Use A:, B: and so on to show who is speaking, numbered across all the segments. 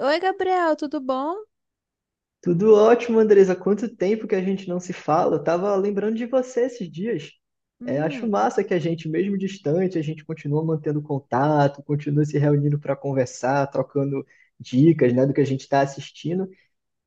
A: Oi, Gabriel, tudo bom?
B: Tudo ótimo, Andresa. Quanto tempo que a gente não se fala? Eu tava lembrando de você esses dias. É, acho
A: Hum,
B: massa que a gente, mesmo distante, a gente continua mantendo contato, continua se reunindo para conversar, trocando dicas, né, do que a gente está assistindo.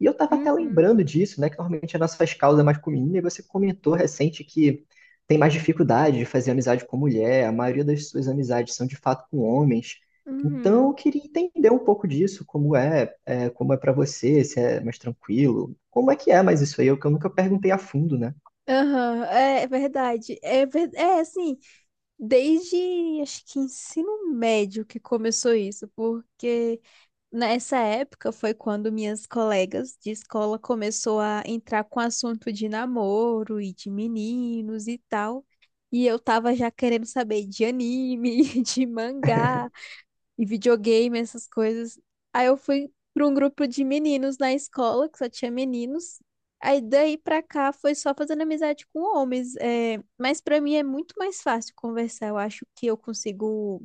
B: E eu estava
A: hum,
B: até lembrando disso, né? Que normalmente as nossas causas é mais com menina, e você comentou recente que tem mais dificuldade de fazer amizade com mulher, a maioria das suas amizades são de fato com homens. Então,
A: uhum.
B: eu queria entender um pouco disso, como como é para você, se é mais tranquilo, como é que é mais isso aí, eu que eu nunca perguntei a fundo, né?
A: Aham, é verdade. É, é assim, desde acho que ensino médio que começou isso, porque nessa época foi quando minhas colegas de escola começou a entrar com assunto de namoro e de meninos e tal. E eu tava já querendo saber de anime, de mangá. E videogame, essas coisas. Aí eu fui para um grupo de meninos na escola, que só tinha meninos. Aí daí pra cá foi só fazendo amizade com homens. É... Mas pra mim é muito mais fácil conversar. Eu acho que eu consigo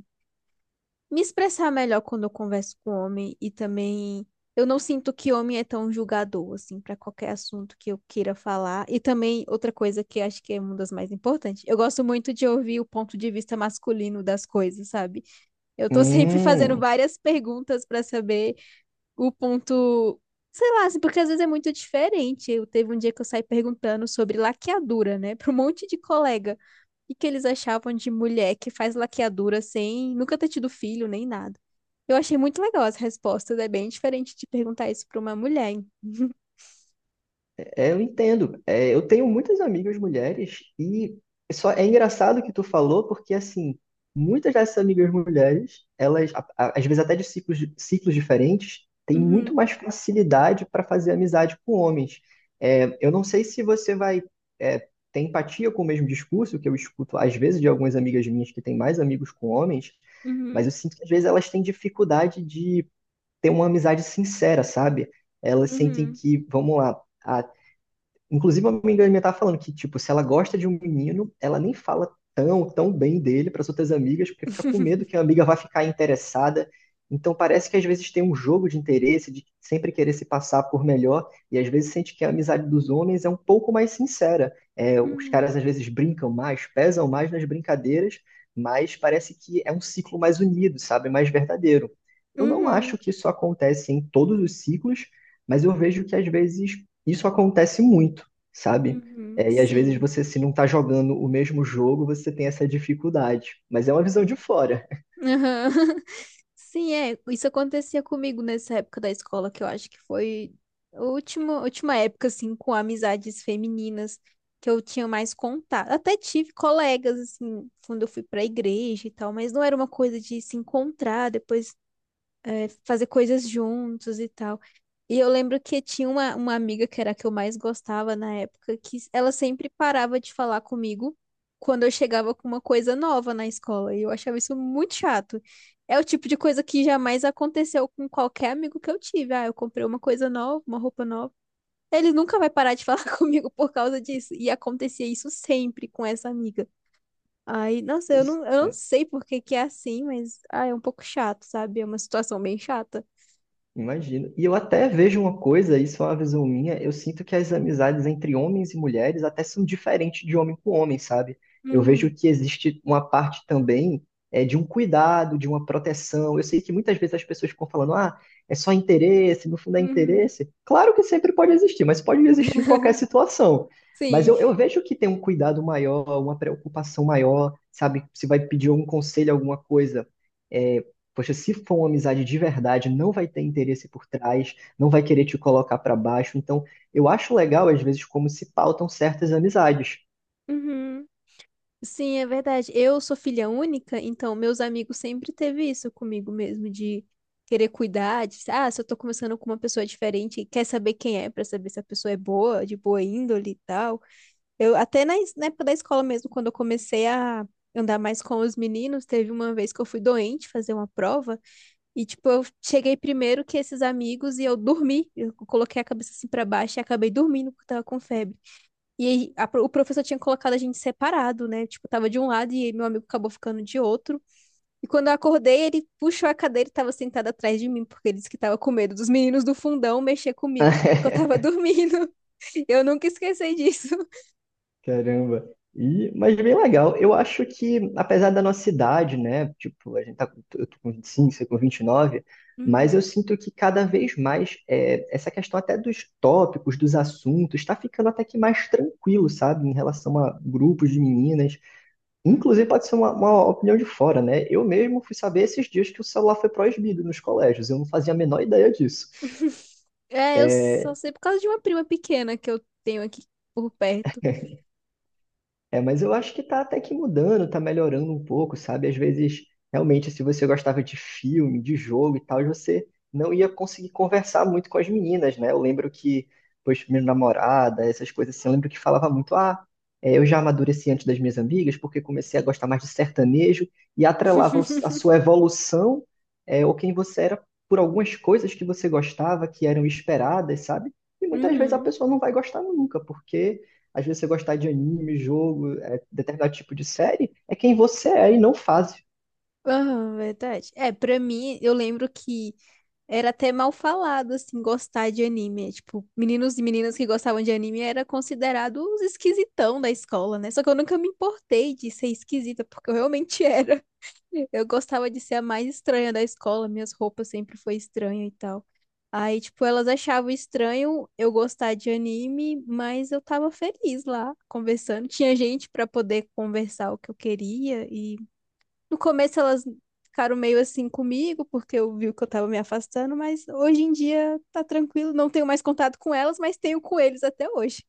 A: me expressar melhor quando eu converso com homem e também. Eu não sinto que homem é tão julgador, assim, pra qualquer assunto que eu queira falar. E também, outra coisa que acho que é uma das mais importantes, eu gosto muito de ouvir o ponto de vista masculino das coisas, sabe? Eu tô sempre fazendo
B: Hum.
A: várias perguntas pra saber o ponto, sei lá, assim, porque às vezes é muito diferente. Eu teve um dia que eu saí perguntando sobre laqueadura, né, pra um monte de colega. E que eles achavam de mulher que faz laqueadura sem nunca ter tido filho nem nada. Eu achei muito legal as respostas, é bem diferente de perguntar isso pra uma mulher. Hein?
B: É, eu entendo. É, eu tenho muitas amigas mulheres e só é engraçado que tu falou, porque assim, muitas dessas amigas mulheres, elas, às vezes até de ciclos, ciclos diferentes, têm
A: Uhum,
B: muito mais facilidade para fazer amizade com homens. É, eu não sei se você vai ter empatia com o mesmo discurso que eu escuto às vezes de algumas amigas minhas que têm mais amigos com homens, mas
A: uhum,
B: eu sinto que às vezes elas têm dificuldade de ter uma amizade sincera, sabe? Elas sentem
A: uhum,
B: que, vamos lá, a inclusive, uma amiga minha tava falando que, tipo, se ela gosta de um menino, ela nem fala tão bem dele para as outras amigas, porque fica com medo que a amiga vai ficar interessada. Então, parece que às vezes tem um jogo de interesse, de sempre querer se passar por melhor, e às vezes sente que a amizade dos homens é um pouco mais sincera. É, os
A: uhum,
B: caras às vezes brincam mais, pesam mais nas brincadeiras, mas parece que é um ciclo mais unido, sabe? Mais verdadeiro. Eu não
A: uhum,
B: acho que isso acontece em todos os ciclos, mas eu vejo que às vezes isso acontece muito, sabe?
A: uhum,
B: É, e às vezes
A: sim.
B: você, se não está jogando o mesmo jogo, você tem essa dificuldade. Mas é uma visão de fora.
A: Aham. Sim, é. Isso acontecia comigo nessa época da escola, que eu acho que foi a última, última época, assim, com amizades femininas que eu tinha mais contato. Até tive colegas, assim, quando eu fui pra igreja e tal, mas não era uma coisa de se encontrar depois fazer coisas juntos e tal. E eu lembro que tinha uma amiga que era a que eu mais gostava na época, que ela sempre parava de falar comigo quando eu chegava com uma coisa nova na escola. E eu achava isso muito chato. É o tipo de coisa que jamais aconteceu com qualquer amigo que eu tive. Ah, eu comprei uma coisa nova, uma roupa nova. Ele nunca vai parar de falar comigo por causa disso. E acontecia isso sempre com essa amiga. Ai, nossa, eu não sei por que que é assim, mas ah, é um pouco chato, sabe? É uma situação bem chata.
B: Imagino. E eu até vejo uma coisa, isso é uma visão minha, eu sinto que as amizades entre homens e mulheres até são diferentes de homem com homem, sabe? Eu vejo
A: Hum,
B: que existe uma parte também de um cuidado, de uma proteção. Eu sei que muitas vezes as pessoas ficam falando, ah, é só interesse, no fundo é
A: uhum,
B: interesse. Claro que sempre pode existir, mas pode existir em qualquer situação. Mas
A: sim.
B: eu vejo que tem um cuidado maior, uma preocupação maior, sabe? Se vai pedir algum conselho, alguma coisa é, poxa, se for uma amizade de verdade, não vai ter interesse por trás, não vai querer te colocar pra baixo. Então, eu acho legal, às vezes, como se pautam certas amizades.
A: Uhum. Sim, é verdade. Eu sou filha única, então meus amigos sempre teve isso comigo mesmo, de querer cuidar, de, ah, se eu tô conversando com uma pessoa diferente, quer saber quem é, pra saber se a pessoa é boa, de boa índole e tal. Eu até na época da escola mesmo, quando eu comecei a andar mais com os meninos, teve uma vez que eu fui doente fazer uma prova, e tipo, eu cheguei primeiro que esses amigos e eu dormi. Eu coloquei a cabeça assim pra baixo e acabei dormindo porque eu tava com febre. E aí, o professor tinha colocado a gente separado, né? Tipo, tava de um lado e meu amigo acabou ficando de outro. E quando eu acordei, ele puxou a cadeira e tava sentado atrás de mim, porque ele disse que tava com medo dos meninos do fundão mexer comigo, porque eu tava dormindo. Eu nunca esqueci disso.
B: Caramba. E, mas bem legal. Eu acho que, apesar da nossa idade, né? Tipo, a gente tá, eu tô com 25, você com 29, mas
A: Uhum,
B: eu sinto que cada vez mais essa questão até dos tópicos, dos assuntos, tá ficando até que mais tranquilo, sabe? Em relação a grupos de meninas. Inclusive,
A: uhum.
B: pode ser uma opinião de fora, né? Eu mesmo fui saber esses dias que o celular foi proibido nos colégios. Eu não fazia a menor ideia disso.
A: É, eu só sei por causa de uma prima pequena que eu tenho aqui por perto.
B: É, mas eu acho que tá até que mudando, tá melhorando um pouco, sabe? Às vezes, realmente, se você gostava de filme, de jogo e tal, você não ia conseguir conversar muito com as meninas, né? Eu lembro que, pois, minha namorada, essas coisas assim, eu lembro que falava muito, ah, é, eu já amadureci antes das minhas amigas, porque comecei a gostar mais de sertanejo, e atrelava a sua evolução, ou quem você era, por algumas coisas que você gostava, que eram esperadas, sabe? E muitas vezes a
A: Uhum.
B: pessoa não vai gostar nunca, porque às vezes você gostar de anime, jogo, determinado tipo de série, é quem você é e não faz.
A: Ah, verdade. É, pra mim, eu lembro que era até mal falado, assim, gostar de anime. Tipo, meninos e meninas que gostavam de anime era considerado os esquisitão da escola, né? Só que eu nunca me importei de ser esquisita, porque eu realmente era. Eu gostava de ser a mais estranha da escola, minhas roupas sempre foi estranha e tal. Aí, tipo, elas achavam estranho eu gostar de anime, mas eu tava feliz lá, conversando. Tinha gente pra poder conversar o que eu queria e no começo elas ficaram meio assim comigo, porque eu vi que eu tava me afastando, mas hoje em dia tá tranquilo, não tenho mais contato com elas, mas tenho com eles até hoje.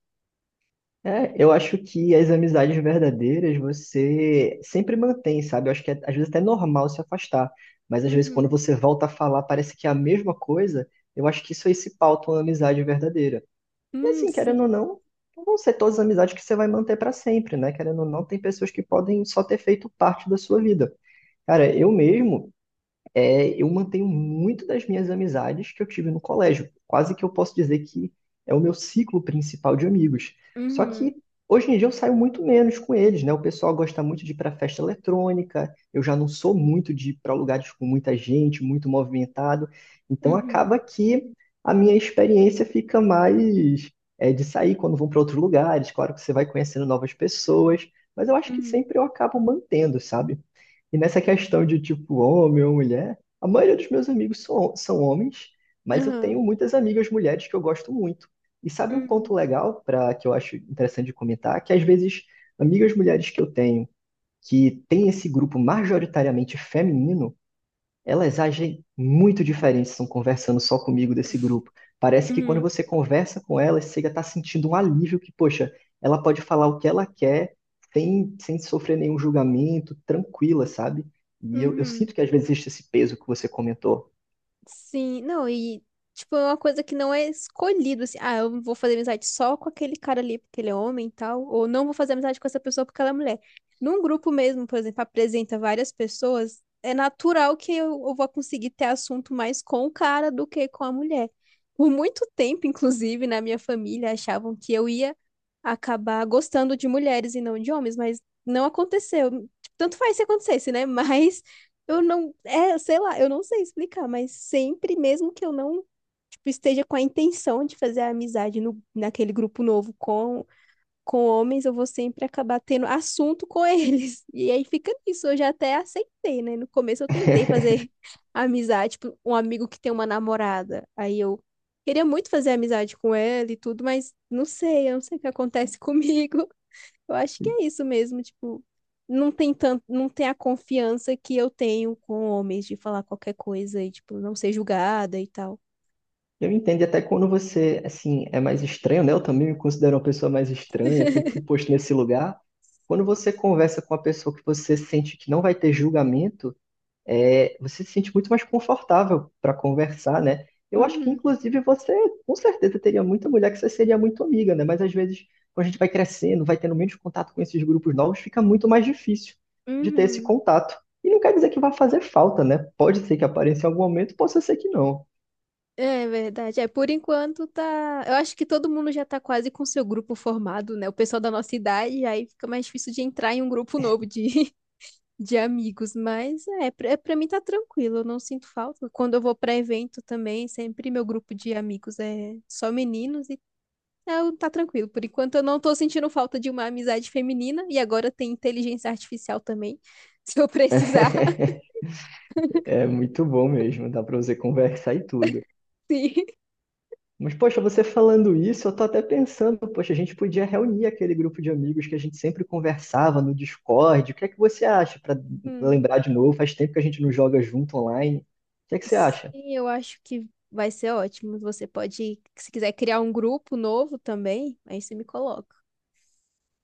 B: É, eu acho que as amizades verdadeiras você sempre mantém, sabe? Eu acho que às vezes até é normal se afastar, mas às vezes quando
A: Uhum.
B: você volta a falar parece que é a mesma coisa, eu acho que isso aí se pauta uma amizade verdadeira. E assim, querendo ou
A: Sim.
B: não, não vão ser todas as amizades que você vai manter para sempre, né? Querendo ou não, tem pessoas que podem só ter feito parte da sua vida. Cara, eu mesmo, eu mantenho muito das minhas amizades que eu tive no colégio. Quase que eu posso dizer que é o meu ciclo principal de amigos. Só
A: Uhum.
B: que hoje em dia eu saio muito menos com eles, né? O pessoal gosta muito de ir para festa eletrônica, eu já não sou muito de ir para lugares com muita gente, muito movimentado. Então
A: Uhum.
B: acaba que a minha experiência fica mais de sair quando vão para outros lugares. Claro que você vai conhecendo novas pessoas, mas eu acho que
A: Uhum.
B: sempre eu acabo mantendo, sabe? E nessa questão de tipo homem ou mulher, a maioria dos meus amigos são homens, mas eu
A: Uhum.
B: tenho muitas amigas mulheres que eu gosto muito. E sabe um
A: Uhum.
B: ponto legal para que eu acho interessante de comentar? Que às vezes amigas mulheres que eu tenho que tem esse grupo majoritariamente feminino elas agem muito diferentes, estão conversando só comigo desse grupo. Parece que quando
A: Uhum.
B: você conversa com elas, você já está sentindo um alívio que, poxa, ela pode falar o que ela quer sem sofrer nenhum julgamento, tranquila, sabe? E eu
A: Uhum.
B: sinto que às vezes existe esse peso que você comentou.
A: Sim, não, e tipo, é uma coisa que não é escolhido, assim, ah, eu vou fazer amizade só com aquele cara ali porque ele é homem e tal, ou não vou fazer amizade com essa pessoa porque ela é mulher. Num grupo mesmo, por exemplo, apresenta várias pessoas, é natural que eu vou conseguir ter assunto mais com o cara do que com a mulher. Por muito tempo, inclusive, na minha família, achavam que eu ia acabar gostando de mulheres e não de homens, mas não aconteceu. Tipo, tanto faz se acontecesse, né? Mas eu não, é, sei lá, eu não sei explicar, mas sempre, mesmo que eu não, tipo, esteja com a intenção de fazer a amizade no, naquele grupo novo com homens, eu vou sempre acabar tendo assunto com eles. E aí fica nisso, eu já até aceitei, né? No começo eu tentei fazer amizade, tipo, um amigo que tem uma namorada. Aí eu queria muito fazer amizade com ela e tudo, mas não sei, eu não sei o que acontece comigo. Eu acho que é isso mesmo, tipo, não tem a confiança que eu tenho com homens de falar qualquer coisa e, tipo, não ser julgada e tal.
B: Eu entendo, e até quando você, assim, é mais estranho, né? Eu também me considero uma pessoa mais estranha, sempre fui posto nesse lugar. Quando você conversa com uma pessoa que você sente que não vai ter julgamento, você se sente muito mais confortável para conversar, né? Eu acho que,
A: Uhum,
B: inclusive, você com certeza teria muita mulher que você seria muito amiga, né? Mas às vezes, quando a gente vai crescendo, vai tendo menos contato com esses grupos novos, fica muito mais difícil de ter esse
A: uhum.
B: contato. E não quer dizer que vai fazer falta, né? Pode ser que apareça em algum momento, pode ser que não.
A: É verdade. É, por enquanto tá. Eu acho que todo mundo já tá quase com seu grupo formado, né? O pessoal da nossa idade, aí fica mais difícil de entrar em um grupo novo de, de amigos. Mas é, é, pra mim tá tranquilo, eu não sinto falta. Quando eu vou pra evento também, sempre meu grupo de amigos é só meninos. Eu, tá tranquilo. Por enquanto eu não tô sentindo falta de uma amizade feminina e agora tem inteligência artificial também, se eu precisar.
B: É muito bom mesmo, dá para você conversar e tudo.
A: Sim.
B: Mas, poxa, você falando isso, eu tô até pensando, poxa, a gente podia reunir aquele grupo de amigos que a gente sempre conversava no Discord. O que é que você acha para
A: Hum.
B: lembrar de novo? Faz tempo que a gente não joga junto online. O que é que você acha?
A: Sim, eu acho que vai ser ótimo. Você pode, se quiser criar um grupo novo também, aí você me coloca.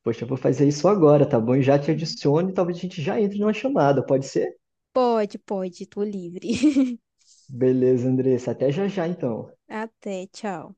B: Poxa, eu vou fazer isso agora, tá bom? E já te
A: Uhum.
B: adiciono e talvez a gente já entre numa chamada, pode ser?
A: Pode, pode, tô livre.
B: Beleza, Andressa, até já já então.
A: Até, tchau.